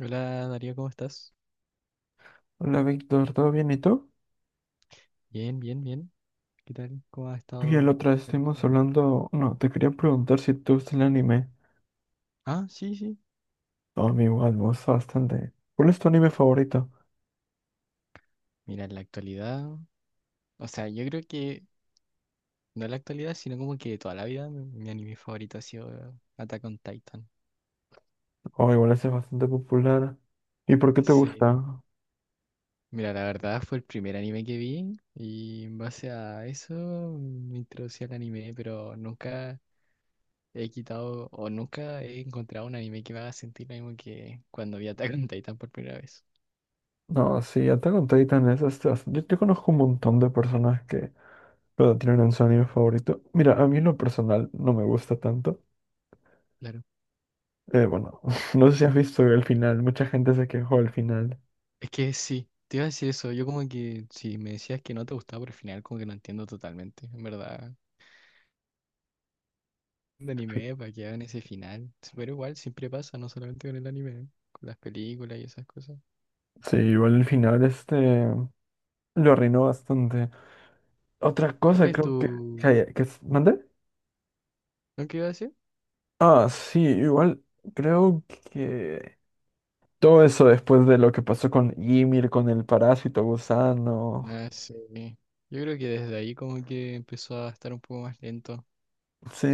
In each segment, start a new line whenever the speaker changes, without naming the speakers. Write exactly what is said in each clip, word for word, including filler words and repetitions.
Hola Darío, ¿cómo estás?
Hola Víctor, ¿todo bien y tú?
Bien, bien, bien. ¿Qué tal? ¿Cómo ha
Oye, la
estado
otra vez
la
estuvimos
energía?
hablando. No, te quería preguntar si te gusta el anime.
Ah, sí, sí.
No, a mí igual me gusta bastante. ¿Cuál es tu anime favorito?
Mira, en la actualidad, o sea, yo creo que no en la actualidad, sino como que toda la vida mi, mi anime favorito ha sido eh, Attack on Titan.
Oh, igual ese es bastante popular. ¿Y por qué te
Sí.
gusta?
Mira, la verdad fue el primer anime que vi y en base a eso me introducí al anime, pero nunca he quitado o nunca he encontrado un anime que me haga sentir lo mismo que cuando vi Attack on Titan por primera vez.
No, sí, Attack on Titan es este, bast- Yo, yo conozco un montón de personas que lo tienen en su anime favorito. Mira, a mí en lo personal no me gusta tanto.
Claro.
Eh, bueno, no sé si has visto el final. Mucha gente se quejó del final.
Es que sí, te iba a decir eso. Yo como que si me decías que no te gustaba por el final, como que no entiendo totalmente. En verdad, de
Sí.
anime, para que hagan ese final. Pero igual, siempre pasa, no solamente con el anime, con las películas y esas cosas.
Sí, igual el final este lo arruinó bastante. Otra
¿Cuál
cosa
es
creo que...
tu...
Que, que ¿mande?
¿No que iba a decir?
Ah, sí, igual creo que todo eso después de lo que pasó con Ymir, con el parásito gusano.
Ah, sí. Yo creo que desde ahí como que empezó a estar un poco más lento.
Sí,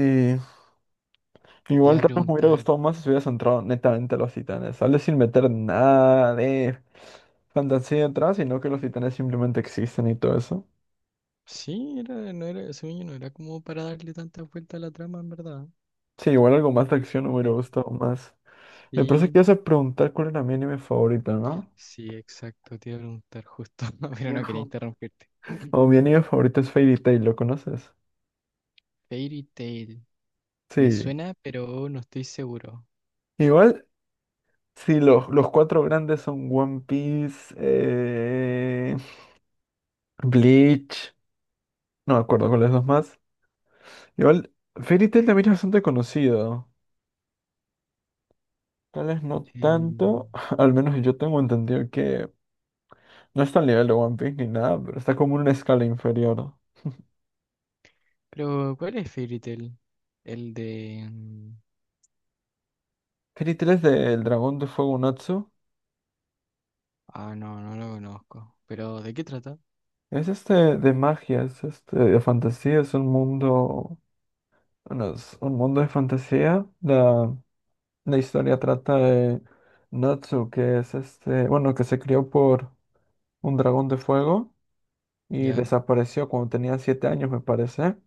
Te iba
igual
a
tal vez me hubiera
preguntar.
gustado más si hubieras entrado netamente a los titanes. Sale sin meter nada de fantasía atrás, sino que los titanes simplemente existen y todo eso.
Sí, era, no era, según yo no era como para darle tantas vueltas a la trama, en verdad.
Sí, igual algo más de acción me hubiera
Porque
gustado más. Me parece que
sí.
ibas a preguntar cuál era mi anime favorito, ¿no?
Sí, exacto, te iba a preguntar justo, pero no quería
Viejo.
interrumpirte.
O mi anime favorito es Fairy Tail, ¿lo conoces?
Fairy Tail, me
Sí.
suena, pero no estoy seguro.
Igual, si los, los cuatro grandes son One Piece, eh, Bleach, no me acuerdo cuáles dos más. Igual, Fairy Tail también es bastante conocido. Tal vez no
Eh,
tanto, al menos yo tengo entendido que no está al nivel de One Piece ni nada, pero está como en una escala inferior.
pero, ¿cuál es Fairy Tail? El de... mm,
Fairy Tail es del dragón de fuego Natsu.
ah, no, no lo conozco. Pero, ¿de qué trata?
Es este de magia, es este de fantasía, es un mundo, bueno, es un mundo de fantasía. la La historia trata de Natsu, que es este, bueno, que se crió por un dragón de fuego y
¿Ya?
desapareció cuando tenía siete años, me parece.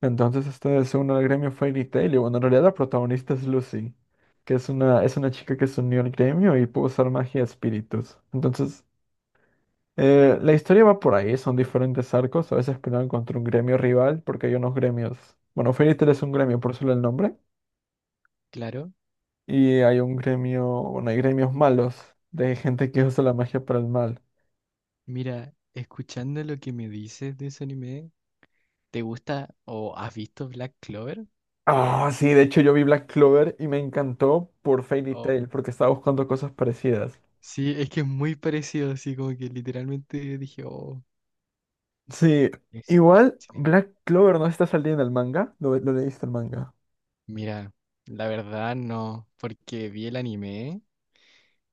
Entonces este se une al gremio Fairy Tail y bueno, en realidad la protagonista es Lucy, que es una, es una chica que se unió al gremio y pudo usar magia de espíritus. Entonces, eh, la historia va por ahí, son diferentes arcos, a veces pelean contra un gremio rival, porque hay unos gremios. Bueno, Fairy Tail es un
Uy,
gremio, por solo el nombre.
claro.
Y hay un gremio, bueno, hay gremios malos de gente que usa la magia para el mal.
Mira, escuchando lo que me dices de ese anime, ¿te gusta o has visto Black Clover?
Ah, sí, de hecho yo vi Black Clover y me encantó por Fairy
O...
Tail porque estaba buscando cosas parecidas.
sí, es que es muy parecido, así como que literalmente dije, oh,
Sí,
es
igual
similar.
Black Clover no está saliendo en el manga, lo, lo leíste el manga.
Mira, la verdad no, porque vi el anime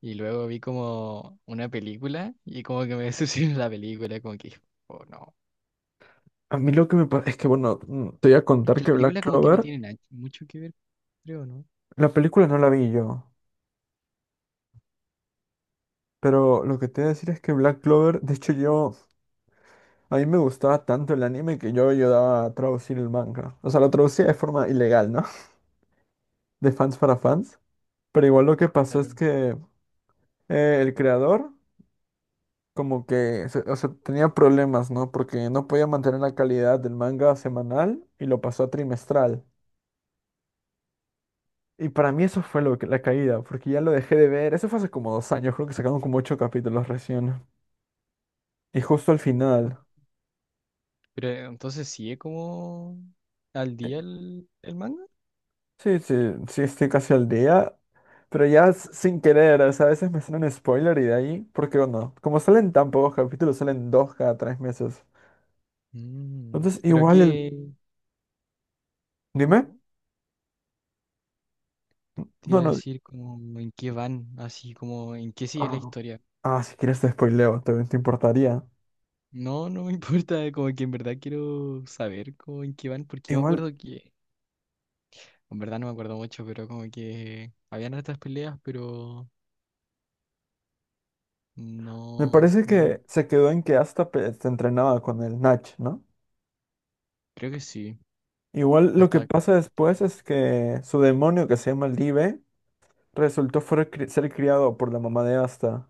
y luego vi como una película y como que me decepcionó la película, como que, oh no.
A mí lo que me pasa es que, bueno, mm, te voy a contar
Que la
que Black
película como que no
Clover,
tiene na- mucho que ver, creo, ¿no?
la película no
No,
la vi yo, pero lo que te voy a decir es que Black Clover, de hecho yo, a mí me gustaba tanto el anime que yo ayudaba a traducir el manga. O sea, lo traducía de forma ilegal, ¿no? De fans para fans. Pero igual lo que pasó es
claro.
que eh, el creador como que, se- o sea, tenía problemas, ¿no? Porque no podía mantener la calidad del manga semanal y lo pasó a trimestral. Y para mí eso fue lo que, la caída, porque ya lo dejé de ver. Eso fue hace como dos años, creo que sacaron como ocho capítulos recién. Y justo al final.
Pero entonces sí es como al
eh,
día el, el manga.
Sí, sí, sí, estoy casi al día. Pero ya s- sin querer, o sea, a veces me salen spoiler y de ahí, porque bueno, como salen tan pocos capítulos, salen dos cada tres meses.
Mm,
Entonces,
pero
igual el,
qué, ¿cómo?
dime.
Te iba
No,
a
no.
decir como en qué van, así como en qué sigue la
Ah,
historia.
Ah, si quieres te spoileo, también te importaría.
No, no me importa, como que en verdad quiero saber como en qué van, porque yo me
Igual,
acuerdo que en verdad no me acuerdo mucho, pero como que habían hartas peleas, pero
me
no,
parece
no rec-
que se quedó en que hasta se entrenaba con el Nach, ¿no?
creo que sí.
Igual lo que
Hasta que...
pasa después es que su demonio que se llama Live resultó fuera cri- ser criado por la mamá de Asta.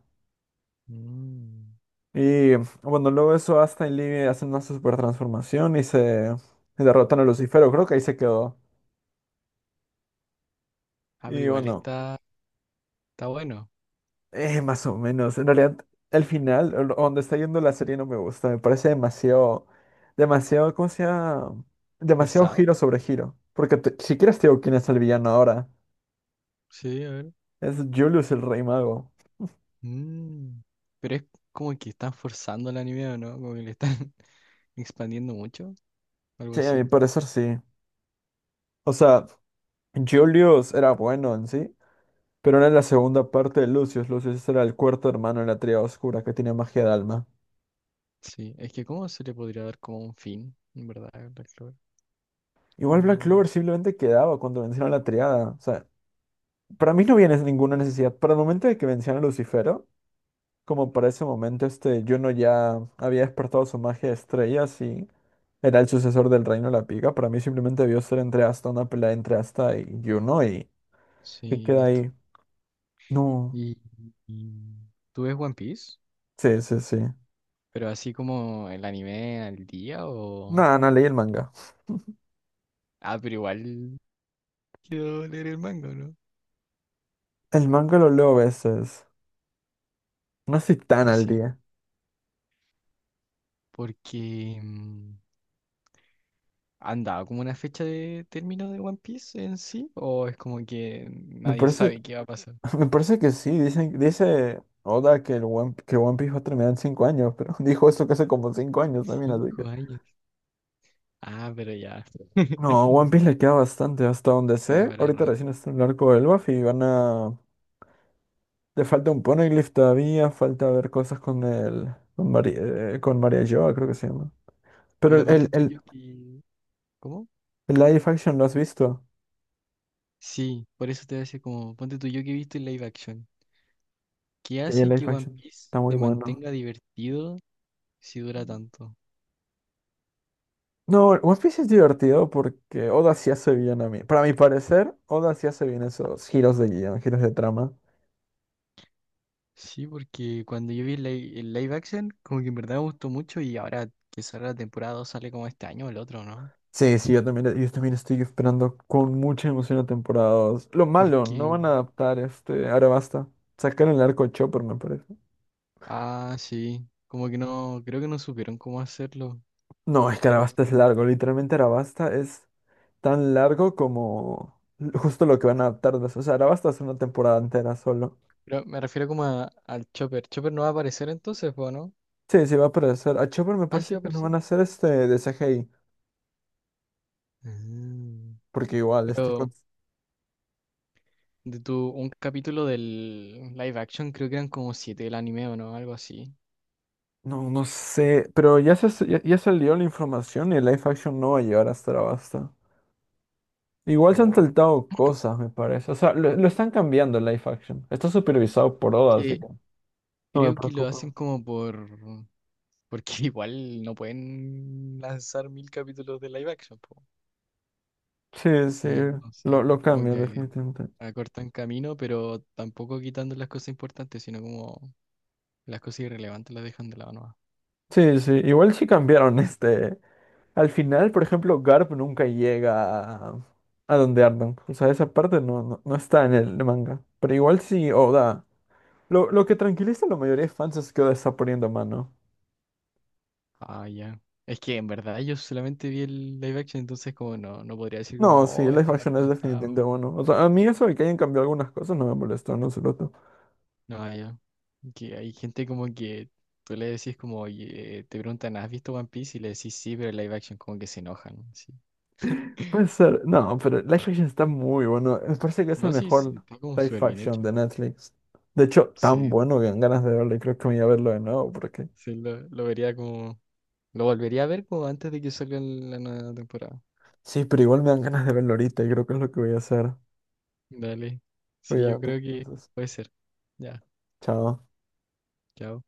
mm.
Y bueno, luego eso Asta y Live hacen una super transformación y se derrotan a Lucifero, creo que ahí se quedó.
Ah, pero
Y
igual
bueno.
está, está bueno.
Eh, más o menos. En realidad, el final, o lo- donde está yendo la serie no me gusta. Me parece demasiado, demasiado, ¿cómo se llama? Demasiado
¿Forzado?
giro sobre giro. Porque te- si quieres te digo quién es el villano ahora.
Sí, a ver.
Es Julius el Rey Mago.
Mm. Pero es como que están forzando el anime, ¿o no? Como que le están expandiendo mucho, algo
Sí, a mi
así.
parecer sí. O sea, Julius era bueno en sí, pero era la segunda parte de Lucius. Lucius era el cuarto hermano en la triada oscura que tiene magia de alma.
Sí, es que cómo se le podría dar como un fin, en verdad, a Black Clover. Como
Igual
que
Black
no.
Clover simplemente quedaba cuando vencieron la triada. O sea, para mí no había nes- ninguna necesidad. Para el momento de que vencieron a Lucifer como para ese momento este Juno ya había despertado su magia de estrellas y era el sucesor del Reino de la Pica, para mí simplemente debió ser entre Asta, una pelea entre Asta y Juno y que
Sí,
queda
listo.
ahí. No,
¿Y, y tú ves One Piece?
sí, sí, sí.
Pero así como el anime al día o...
Nada, no leí el manga.
ah, pero igual quiero leer el manga, ¿no?
El manga lo leo a veces. No estoy tan al
Así,
día.
porque mm, ¿han dado como una fecha de término de One Piece en sí? ¿O es como que
Me
nadie
parece,
sabe qué va a pasar?
me parece que sí, dicen, dice Oda que el One, que One Piece va a terminar en cinco años, pero dijo eso que hace como cinco años también, así.
Cinco años. Ah, pero ya.
No, a One Piece le queda bastante hasta donde
Ya
sé.
para
Ahorita
rato.
recién está en el arco del Luffy y van a... Le falta un Poneglyph todavía, falta ver cosas con el... con, Mari- eh, con María Joa, creo que
Pero
se llama. Pero
mira,
el, el,
ponte tuyo
el,
que... ¿cómo?
el live action, ¿lo has visto?
Sí, por eso te hace como... ponte tú yo que he visto el live action. ¿Qué
Sí, el
hace
live
que One
action
Piece
está muy
se
bueno.
mantenga divertido si dura tanto?
No, One Piece es divertido porque Oda sí hace bien a mí. Para mi parecer, Oda sí hace bien esos giros de guión, giros de trama.
Sí, porque cuando yo vi el li- el live action, como que en verdad me gustó mucho y ahora que sale la temporada dos sale como este año o el otro, ¿no?
Sí, sí, yo también, yo también estoy esperando con mucha emoción la temporada dos. Lo malo,
Porque,
no van a adaptar este Arabasta. Sacaron el arco de Chopper, me parece.
ah, sí, como que no, creo que no supieron cómo hacerlo,
No, es que
o algo
Arabasta es
así.
largo. Literalmente Arabasta es tan largo como justo lo que van a adaptar. De eso. O sea, Arabasta es una temporada entera solo.
Pero me refiero como a- al Chopper. ¿Chopper no va a aparecer entonces, po, no?
Sí, sí, va a aparecer. A Chopper me
Ah, sí va
parece
a
que no
aparecer.
van a hacer este de C G I.
Ah,
Porque igual, este...
pero
con-
de tu, un capítulo del live action creo que eran como siete del anime o no, algo así.
no, no sé. Pero ya, se, ya, ya salió la información y el live action no va a llegar hasta Arabasta. Igual se han
Po.
saltado cosas, me parece. O sea, lo, lo están cambiando el live action. Está supervisado por
Es
Oda, así
que
que no me
creo que lo hacen
preocupa.
como por... porque igual no pueden lanzar mil capítulos de live action, po.
Sí, sí,
Mm, no sé,
lo, lo
como
cambian
que
definitivamente.
acortan camino, pero tampoco quitando las cosas importantes, sino como las cosas irrelevantes las dejan de lado nomás.
Sí, sí, igual sí cambiaron este. Al final, por ejemplo, Garp nunca llega a, a donde andan. O sea, esa parte no, no, no está en el manga. Pero igual sí, Oda. Lo, lo que tranquiliza a la mayoría de fans es que Oda está poniendo mano.
Ah, ya. Es que en verdad yo solamente vi el live action, entonces como no, no podría decir como,
No, sí,
oh,
live
esta
action
parte no
es
está.
definitivamente
O...
bueno. O sea, a mí eso de que hayan cambiado algunas cosas no me molestó, no se.
no, ah, ya. Que hay gente como que tú le decís como, oye, te preguntan, ¿has visto One Piece? Y le decís sí, pero el live action como que se enojan. Así.
Puede ser. No, pero Life Action está muy bueno. Me parece que es el
No, sí, sí,
mejor
está como
live
súper bien
action
hecho.
de Netflix. De hecho, tan
Sí.
bueno que dan ganas de verlo y creo que me voy a verlo de nuevo porque...
Sí, lo, lo vería como. Lo volvería a ver como antes de que salga la nueva temporada.
Sí, pero igual me dan ganas de verlo ahorita y creo que es lo que voy a hacer.
Dale. Sí, yo
Cuídate,
creo que
entonces.
puede ser. Ya,
Chao.
chao.